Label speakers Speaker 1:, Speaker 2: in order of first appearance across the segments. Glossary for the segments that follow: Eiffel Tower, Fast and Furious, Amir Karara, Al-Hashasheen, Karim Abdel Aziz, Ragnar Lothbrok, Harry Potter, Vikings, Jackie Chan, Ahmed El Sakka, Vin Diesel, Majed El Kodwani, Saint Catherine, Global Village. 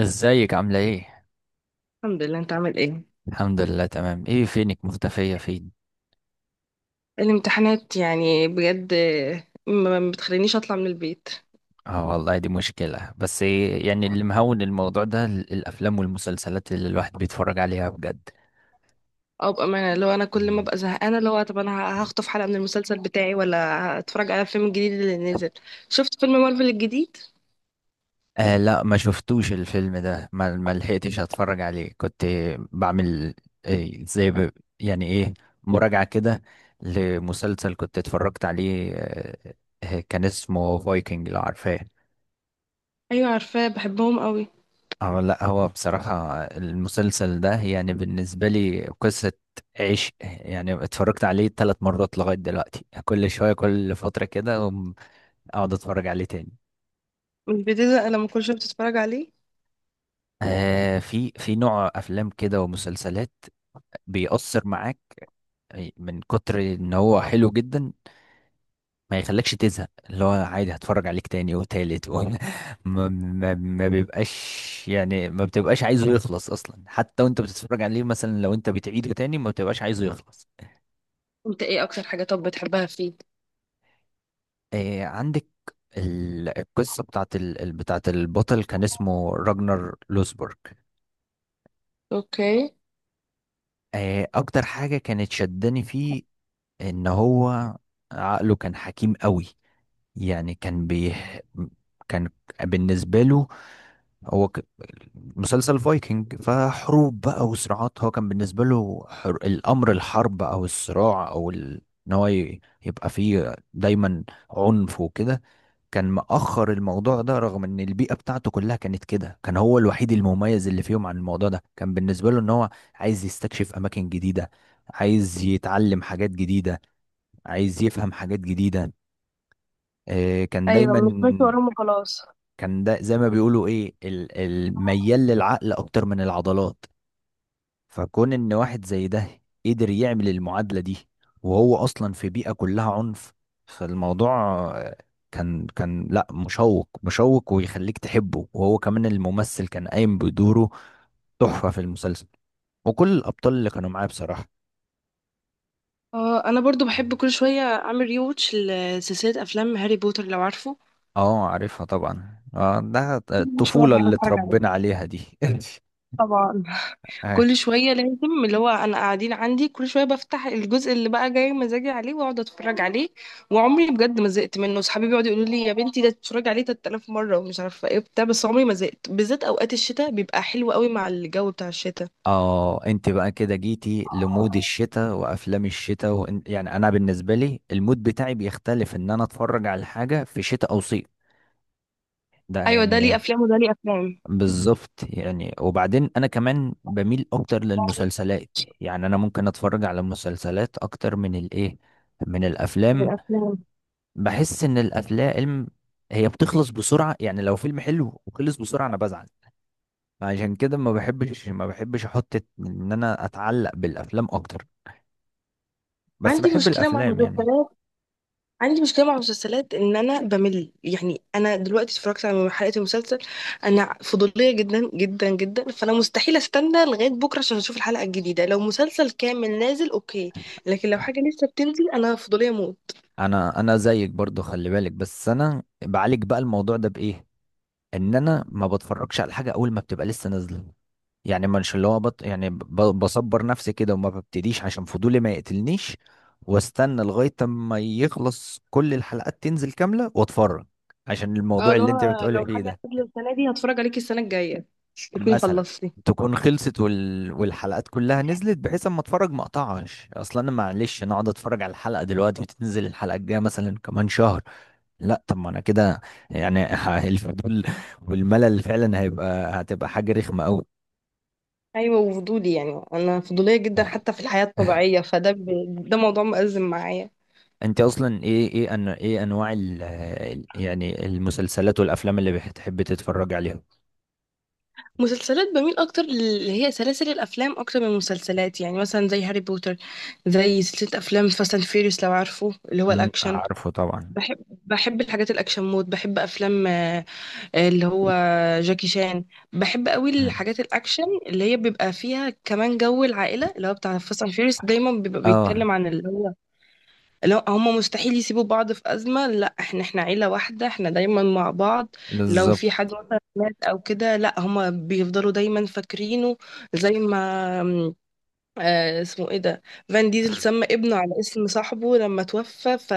Speaker 1: ازيك عاملة ايه؟
Speaker 2: الحمد لله، انت عامل ايه؟
Speaker 1: الحمد لله تمام. ايه فينك مختفية فين؟
Speaker 2: الامتحانات يعني بجد ما بتخلينيش اطلع من البيت.
Speaker 1: اه والله دي مشكلة. بس إيه يعني اللي مهون الموضوع ده الأفلام والمسلسلات اللي الواحد بيتفرج عليها بجد.
Speaker 2: او بامانه، لو انا كل ما
Speaker 1: مم.
Speaker 2: ابقى زهقانه، لو طب انا هخطف حلقه من المسلسل بتاعي ولا اتفرج على الفيلم الجديد اللي نزل. شفت فيلم مارفل الجديد؟
Speaker 1: آه لا ما شفتوش الفيلم ده، ما لحقتش اتفرج عليه. كنت بعمل إيه زي ب... يعني ايه، مراجعة كده لمسلسل كنت اتفرجت عليه. كان اسمه فايكنج، لو عارفاه.
Speaker 2: ايوه عارفاه، بحبهم قوي.
Speaker 1: اه لا، هو بصراحة المسلسل ده يعني بالنسبة لي قصة عشق. يعني اتفرجت عليه ثلاث مرات لغاية دلوقتي، كل شوية كل فترة كده أقوم اقعد اتفرج عليه تاني.
Speaker 2: مش بتزهق لما كل شويه بتتفرج عليه؟
Speaker 1: آه، في نوع افلام كده ومسلسلات بيأثر معاك من كتر ان هو حلو جدا، ما يخلكش تزهق. اللي هو عادي هتفرج عليك تاني وتالت ما بيبقاش، يعني ما بتبقاش عايزه يخلص اصلا. حتى وانت بتتفرج عليه مثلا، لو انت بتعيده تاني ما بتبقاش عايزه يخلص.
Speaker 2: انت ايه اكتر حاجه طب بتحبها فيه؟
Speaker 1: إيه عندك القصة بتاعت البطل، كان اسمه راجنر لوسبورg.
Speaker 2: اوكي.
Speaker 1: إيه أكتر حاجة كانت شداني فيه، إن هو عقله كان حكيم قوي. يعني كان بي كان بالنسبة له هو ك... مسلسل فايكنج فحروب بقى وصراعات، هو كان بالنسبة له الأمر الحرب أو الصراع أو ال... إن هو ي... يبقى فيه دايما عنف وكده، كان مأخر الموضوع ده. رغم ان البيئة بتاعته كلها كانت كده، كان هو الوحيد المميز اللي فيهم عن الموضوع ده. كان بالنسبة له ان هو عايز يستكشف اماكن جديدة، عايز يتعلم حاجات جديدة، عايز يفهم حاجات جديدة. كان
Speaker 2: ايوه،
Speaker 1: دايما
Speaker 2: مش ماشي وراهم وخلاص.
Speaker 1: كان ده زي ما بيقولوا ايه، الميال للعقل اكتر من العضلات. فكون ان واحد زي ده قدر يعمل المعادلة دي وهو اصلا في بيئة كلها عنف، فالموضوع آه، كان لا، مشوق ويخليك تحبه. وهو كمان الممثل كان قايم بدوره، تحفة في المسلسل، وكل الابطال اللي كانوا معاه بصراحة.
Speaker 2: اه، انا برضو بحب كل شويه اعمل ريوتش لسلسله افلام هاري بوتر لو عارفه.
Speaker 1: اه عارفها طبعا، اه ده
Speaker 2: كل شويه
Speaker 1: الطفولة
Speaker 2: بحب
Speaker 1: اللي
Speaker 2: اتفرج عليها.
Speaker 1: اتربينا عليها دي.
Speaker 2: طبعا. كل شوية لازم. اللي هو أنا قاعدين عندي كل شوية بفتح الجزء اللي بقى جاي مزاجي عليه وأقعد أتفرج عليه. وعمري بجد ما زهقت منه، صحابي بيقعدوا يقولوا لي يا بنتي ده تتفرج عليه 3,000 مرة ومش عارفة إيه بتاع، بس عمري ما زهقت، بالذات أوقات الشتاء بيبقى حلو قوي مع الجو بتاع الشتاء.
Speaker 1: اه انت بقى كده جيتي لمود الشتاء وافلام الشتاء يعني انا بالنسبه لي المود بتاعي بيختلف ان انا اتفرج على حاجه في شتاء او صيف. ده
Speaker 2: أيوة، ده ليه
Speaker 1: يعني
Speaker 2: أفلام وده ليه أفلام.
Speaker 1: بالظبط. يعني وبعدين انا كمان بميل اكتر للمسلسلات، يعني انا ممكن اتفرج على مسلسلات اكتر من الايه، من الافلام.
Speaker 2: الأفلام.
Speaker 1: بحس ان الافلام هي بتخلص بسرعه، يعني لو فيلم حلو وخلص بسرعه انا بزعل. عشان كده ما بحبش احط ان انا اتعلق بالافلام اكتر، بس
Speaker 2: عندي
Speaker 1: بحب
Speaker 2: مشكلة مع
Speaker 1: الافلام يعني.
Speaker 2: المسلسلات، عندي مشكلة مع المسلسلات إن أنا بمل، يعني أنا دلوقتي اتفرجت على حلقة المسلسل. أنا فضولية جدا جدا جدا، فأنا مستحيل أستنى لغاية بكرة عشان أشوف الحلقة الجديدة، لو مسلسل كامل نازل أوكي، لكن لو حاجة لسه بتنزل أنا فضولية موت.
Speaker 1: انا زيك برضو، خلي بالك، بس انا بعالج بقى الموضوع ده بايه، ان انا ما بتفرجش على حاجه اول ما بتبقى لسه نازله. يعني مش اللي هو بط... يعني ب... بصبر نفسي كده وما ببتديش عشان فضولي ما يقتلنيش، واستنى لغايه ما يخلص كل الحلقات تنزل كامله واتفرج، عشان
Speaker 2: اه،
Speaker 1: الموضوع
Speaker 2: لو
Speaker 1: اللي انت بتقولي
Speaker 2: لو
Speaker 1: فيه
Speaker 2: حاجة
Speaker 1: ده.
Speaker 2: نازلة السنة دي هتفرج عليكي السنة الجاية تكوني
Speaker 1: مثلا
Speaker 2: خلصتي.
Speaker 1: تكون خلصت والحلقات كلها نزلت، بحيث اما اتفرج ما اقطعش اصلا. انا معلش انا اقعد اتفرج على الحلقه دلوقتي وتنزل الحلقه الجايه مثلا كمان شهر، لا. طب ما انا كده يعني الفضول والملل فعلا هتبقى حاجه رخمه قوي.
Speaker 2: أيوة، وفضولي يعني أنا فضولية جدا حتى في الحياة الطبيعية، ده موضوع مأزم معايا.
Speaker 1: انت اصلا ايه انواع يعني المسلسلات والافلام اللي بتحب تتفرج عليها؟
Speaker 2: مسلسلات بميل اكتر اللي هي سلاسل الافلام اكتر من المسلسلات، يعني مثلا زي هاري بوتر، زي سلسله افلام فاست اند فيريوس لو عارفه، اللي هو الاكشن.
Speaker 1: عارفه طبعا.
Speaker 2: بحب الحاجات الاكشن مود، بحب افلام اللي هو جاكي شان. بحب قوي
Speaker 1: امم.
Speaker 2: الحاجات الاكشن اللي هي بيبقى فيها كمان جو العائله، اللي هو بتاع فاست اند فيريوس دايما بيبقى
Speaker 1: اه.
Speaker 2: بيتكلم عن اللي هو لو هما مستحيل يسيبوا بعض في أزمة، لا احنا عيلة واحدة، احنا دايما مع بعض. لو
Speaker 1: بالظبط.
Speaker 2: في حد مثلا مات أو كده لا هما بيفضلوا دايما فاكرينه. زي ما م، اسمه ايه ده؟ فان ديزل سمى ابنه على اسم صاحبه لما توفى،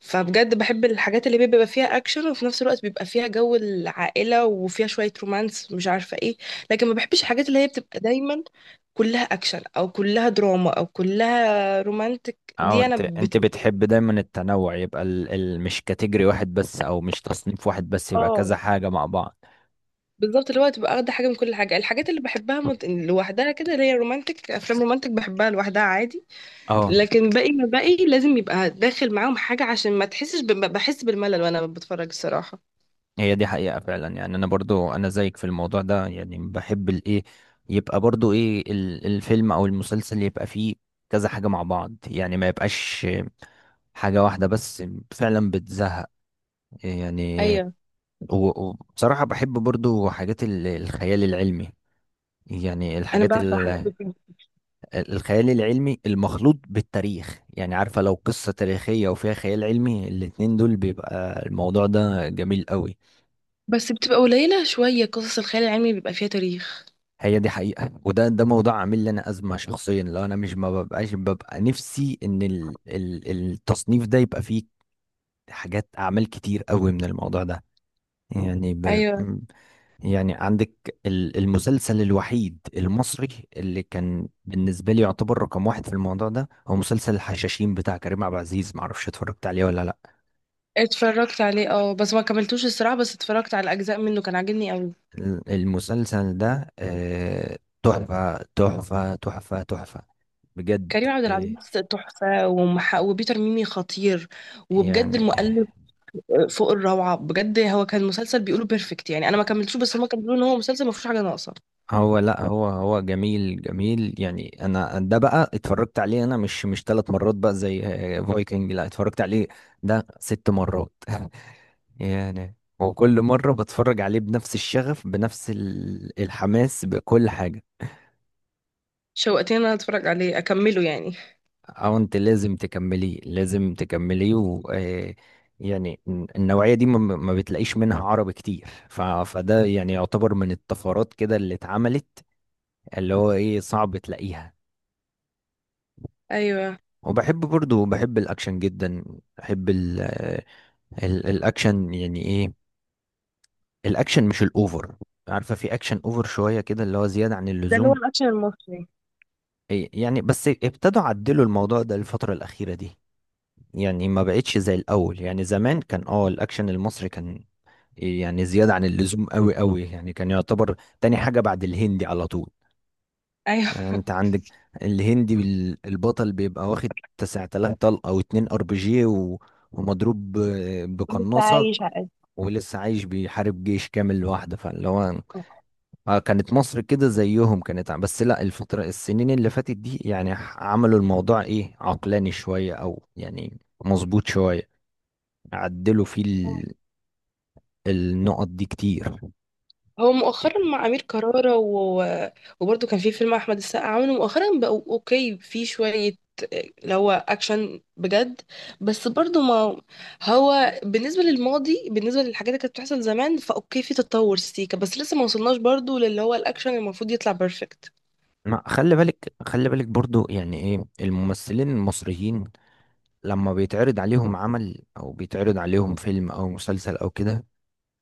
Speaker 2: فبجد بحب الحاجات اللي بيبقى فيها اكشن وفي نفس الوقت بيبقى فيها جو العائلة وفيها شوية رومانس مش عارفة ايه. لكن ما بحبش الحاجات اللي هي بتبقى دايما كلها اكشن او كلها دراما او كلها رومانتك،
Speaker 1: اه انت بتحب دايما التنوع، يبقى مش كاتيجوري واحد بس او مش تصنيف واحد بس، يبقى كذا
Speaker 2: اه،
Speaker 1: حاجة مع بعض.
Speaker 2: بالظبط، اللي هو تبقى واخده حاجه من كل حاجه. الحاجات اللي بحبها لوحدها كده اللي هي رومانتك، افلام رومانتك بحبها لوحدها عادي.
Speaker 1: اه،
Speaker 2: لكن باقي ما باقي لازم يبقى داخل معاهم حاجه عشان ما تحسش بحس بالملل وانا بتفرج الصراحه.
Speaker 1: هي دي حقيقة فعلا. يعني انا برضو انا زيك في الموضوع ده، يعني بحب الايه، يبقى برضو ايه الفيلم او المسلسل يبقى فيه كذا حاجة مع بعض، يعني ما يبقاش حاجة واحدة بس، فعلا بتزهق يعني.
Speaker 2: ايوه،
Speaker 1: وبصراحة بحب برضو حاجات الخيال العلمي، يعني
Speaker 2: انا بعشق حاجات كده.
Speaker 1: الخيال العلمي المخلوط بالتاريخ. يعني عارفة لو قصة تاريخية وفيها خيال علمي، الاتنين دول بيبقى الموضوع ده جميل قوي.
Speaker 2: بس بتبقى قليله شويه قصص الخيال العلمي بيبقى فيها تاريخ.
Speaker 1: هي دي حقيقة، وده موضوع عامل لي انا ازمة شخصيا. لو انا مش، ما ببقاش ببقى نفسي ان ال ال التصنيف ده يبقى فيه حاجات، اعمال كتير قوي من الموضوع ده. يعني ب...
Speaker 2: ايوه
Speaker 1: يعني عندك المسلسل الوحيد المصري اللي كان بالنسبة لي يعتبر رقم واحد في الموضوع ده، هو مسلسل الحشاشين بتاع كريم عبد العزيز. معرفش اتفرجت عليه ولا لا.
Speaker 2: اتفرجت عليه، اه بس ما كملتوش الصراحه، بس اتفرجت على اجزاء منه كان عاجبني قوي.
Speaker 1: المسلسل ده تحفة تحفة تحفة تحفة، بجد.
Speaker 2: كريم عبد العزيز
Speaker 1: آه،
Speaker 2: تحفه، وبيتر ميمي خطير، وبجد
Speaker 1: يعني
Speaker 2: المؤلف فوق الروعة. بجد هو كان مسلسل بيقولوا بيرفكت، يعني انا ما كملتوش بس هما كانوا بيقولوا ان هو مسلسل ما فيهوش حاجة ناقصة.
Speaker 1: هو لا، هو جميل جميل. يعني انا ده بقى اتفرجت عليه انا، مش ثلاث مرات بقى زي فايكنج، لا اتفرجت عليه ده ست مرات يعني. وكل مرة بتفرج عليه بنفس الشغف بنفس الحماس بكل حاجة.
Speaker 2: شوقتني ان انا اتفرج عليه اكمله يعني.
Speaker 1: او انت لازم تكمليه، لازم تكمليه. و آه، يعني النوعية دي ما بتلاقيش منها عربي كتير، فده يعني يعتبر من الطفرات كده اللي اتعملت، اللي هو ايه، صعب تلاقيها.
Speaker 2: ايوه،
Speaker 1: وبحب برضو، بحب الاكشن جدا. بحب الاكشن، يعني ايه، الاكشن مش الاوفر. عارفة في اكشن اوفر شوية كده اللي هو زيادة عن
Speaker 2: ده اللي هو
Speaker 1: اللزوم.
Speaker 2: الأكشن المصري.
Speaker 1: إيه، يعني بس ابتدوا عدلوا الموضوع ده الفترة الأخيرة دي، يعني ما بقتش زي الأول. يعني زمان كان اه الأكشن المصري كان يعني زيادة عن اللزوم قوي قوي، يعني كان يعتبر تاني حاجة بعد الهندي على طول.
Speaker 2: ايوه،
Speaker 1: يعني انت عندك الهندي، البطل بيبقى واخد 9000 طلقة او 2 ار بي جي ومضروب
Speaker 2: ولسه
Speaker 1: بقناصة،
Speaker 2: عايش على
Speaker 1: ولسه عايش بيحارب جيش كامل لوحده. فاللي هو كانت مصر كده زيهم، بس لا، الفترة السنين اللي فاتت دي يعني عملوا الموضوع ايه، عقلاني شوية او يعني مظبوط شوية، عدلوا فيه
Speaker 2: قد.
Speaker 1: النقط دي كتير.
Speaker 2: هو مؤخرا
Speaker 1: اوكي.
Speaker 2: مع امير كرارة وبرضه كان في فيلم احمد السقا عامله مؤخرا بقوا اوكي في شويه، اللي هو اكشن بجد. بس برضه ما هو بالنسبه للماضي، بالنسبه للحاجات اللي كانت بتحصل زمان فاوكي في تطور سيكا، بس لسه ما وصلناش برضه للي هو الاكشن اللي المفروض يطلع بيرفكت.
Speaker 1: ما خلي بالك، خلي بالك برضو، يعني ايه الممثلين المصريين لما بيتعرض عليهم عمل او بيتعرض عليهم فيلم او مسلسل او كده،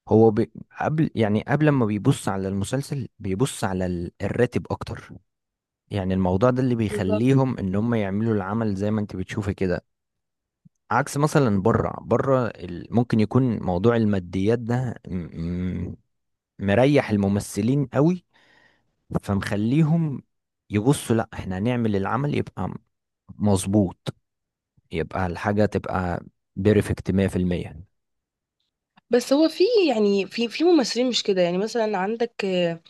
Speaker 1: هو بي قبل، يعني قبل ما بيبص على المسلسل بيبص على الراتب اكتر. يعني الموضوع ده اللي
Speaker 2: بالظبط.
Speaker 1: بيخليهم ان هم يعملوا العمل زي ما انت بتشوفي كده. عكس مثلا بره ممكن يكون موضوع الماديات ده م- مريح الممثلين قوي، فمخليهم يبصوا لا احنا هنعمل العمل، يبقى مظبوط، يبقى الحاجة تبقى بيرفكت 100%.
Speaker 2: بس هو في، يعني في ممثلين مش كده، يعني مثلا عندك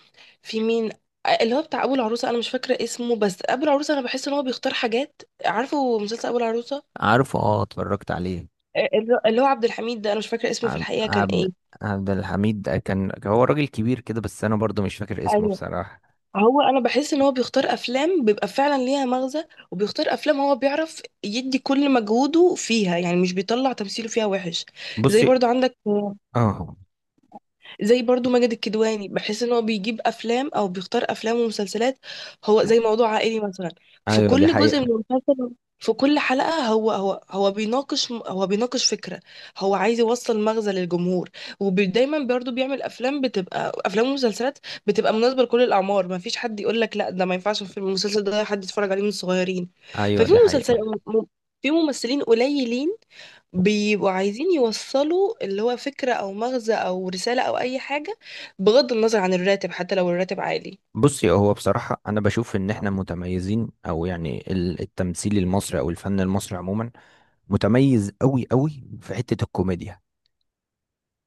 Speaker 2: في مين، اللي هو بتاع ابو العروسه انا مش فاكره اسمه، بس ابو العروسه انا بحس ان هو بيختار حاجات، عارفه مسلسل ابو العروسه؟
Speaker 1: عارفه اه اتفرجت عليه.
Speaker 2: اللي هو عبد الحميد ده انا مش فاكره اسمه في
Speaker 1: عب-
Speaker 2: الحقيقه كان
Speaker 1: عبد
Speaker 2: ايه.
Speaker 1: عبد الحميد ده كان، هو راجل كبير كده، بس انا برضو مش فاكر اسمه
Speaker 2: ايوه.
Speaker 1: بصراحة.
Speaker 2: هو انا بحس ان هو بيختار افلام بيبقى فعلا ليها مغزى، وبيختار افلام هو بيعرف يدي كل مجهوده فيها، يعني مش بيطلع تمثيله فيها وحش. زي
Speaker 1: بصي،
Speaker 2: برضو عندك،
Speaker 1: اه.
Speaker 2: زي برضو ماجد الكدواني بحس ان هو بيجيب افلام او بيختار افلام ومسلسلات هو زي موضوع عائلي مثلا. في
Speaker 1: ايوه دي
Speaker 2: كل جزء
Speaker 1: حقيقة.
Speaker 2: من المسلسل، في كل حلقة هو بيناقش فكرة، هو عايز يوصل مغزى للجمهور. ودايما برضو بيعمل افلام بتبقى افلام ومسلسلات بتبقى مناسبة لكل الاعمار، ما فيش حد يقول لك لا ده ما ينفعش في المسلسل ده حد يتفرج عليه من الصغيرين.
Speaker 1: ايوه
Speaker 2: ففي
Speaker 1: دي
Speaker 2: مسلسل
Speaker 1: حقيقة.
Speaker 2: م- في ممثلين قليلين بيبقوا عايزين يوصلوا اللي هو فكرة أو مغزى أو رسالة أو أي حاجة، بغض النظر عن الراتب حتى لو الراتب عالي.
Speaker 1: بصي، هو بصراحة انا بشوف ان احنا متميزين، او يعني التمثيل المصري او الفن المصري عموما متميز قوي قوي في حتة الكوميديا.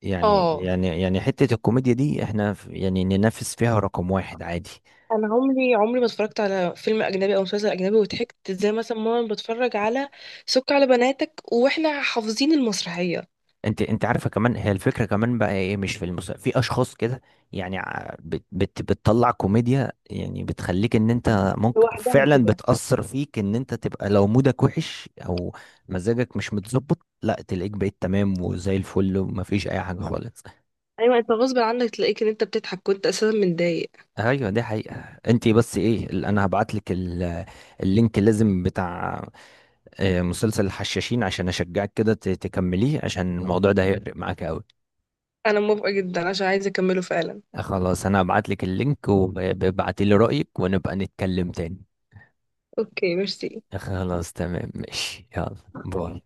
Speaker 1: يعني
Speaker 2: اه،
Speaker 1: يعني يعني حتة الكوميديا دي احنا يعني ننافس فيها رقم واحد عادي.
Speaker 2: أنا عمري عمري ما اتفرجت على فيلم أجنبي أو مسلسل أجنبي وضحكت زي مثلا ماما بتفرج على سك على بناتك، وإحنا حافظين المسرحية.
Speaker 1: انت عارفة كمان، هي الفكرة كمان بقى ايه، مش في في اشخاص كده يعني بتطلع كوميديا يعني بتخليك ان انت ممكن
Speaker 2: لوحدها
Speaker 1: فعلا
Speaker 2: كده.
Speaker 1: بتأثر فيك ان انت تبقى، لو مودك وحش او مزاجك مش متظبط لا تلاقيك بقيت تمام وزي الفل ومفيش اي حاجة خالص.
Speaker 2: أيوة، أنت غصب عنك تلاقيك إن أنت بتضحك كنت أساسا متضايق.
Speaker 1: ايوه دي حقيقة. انت بس ايه انا هبعت لك اللينك لازم بتاع مسلسل الحشاشين عشان اشجعك كده تكمليه، عشان الموضوع ده هيفرق معاك قوي.
Speaker 2: أنا موافقة جدا عشان عايزة أكمله فعلا.
Speaker 1: خلاص انا هبعت لك اللينك، وابعتي لي رأيك ونبقى نتكلم تاني.
Speaker 2: أوكي، ميرسي.
Speaker 1: خلاص تمام، ماشي، يلا، باي.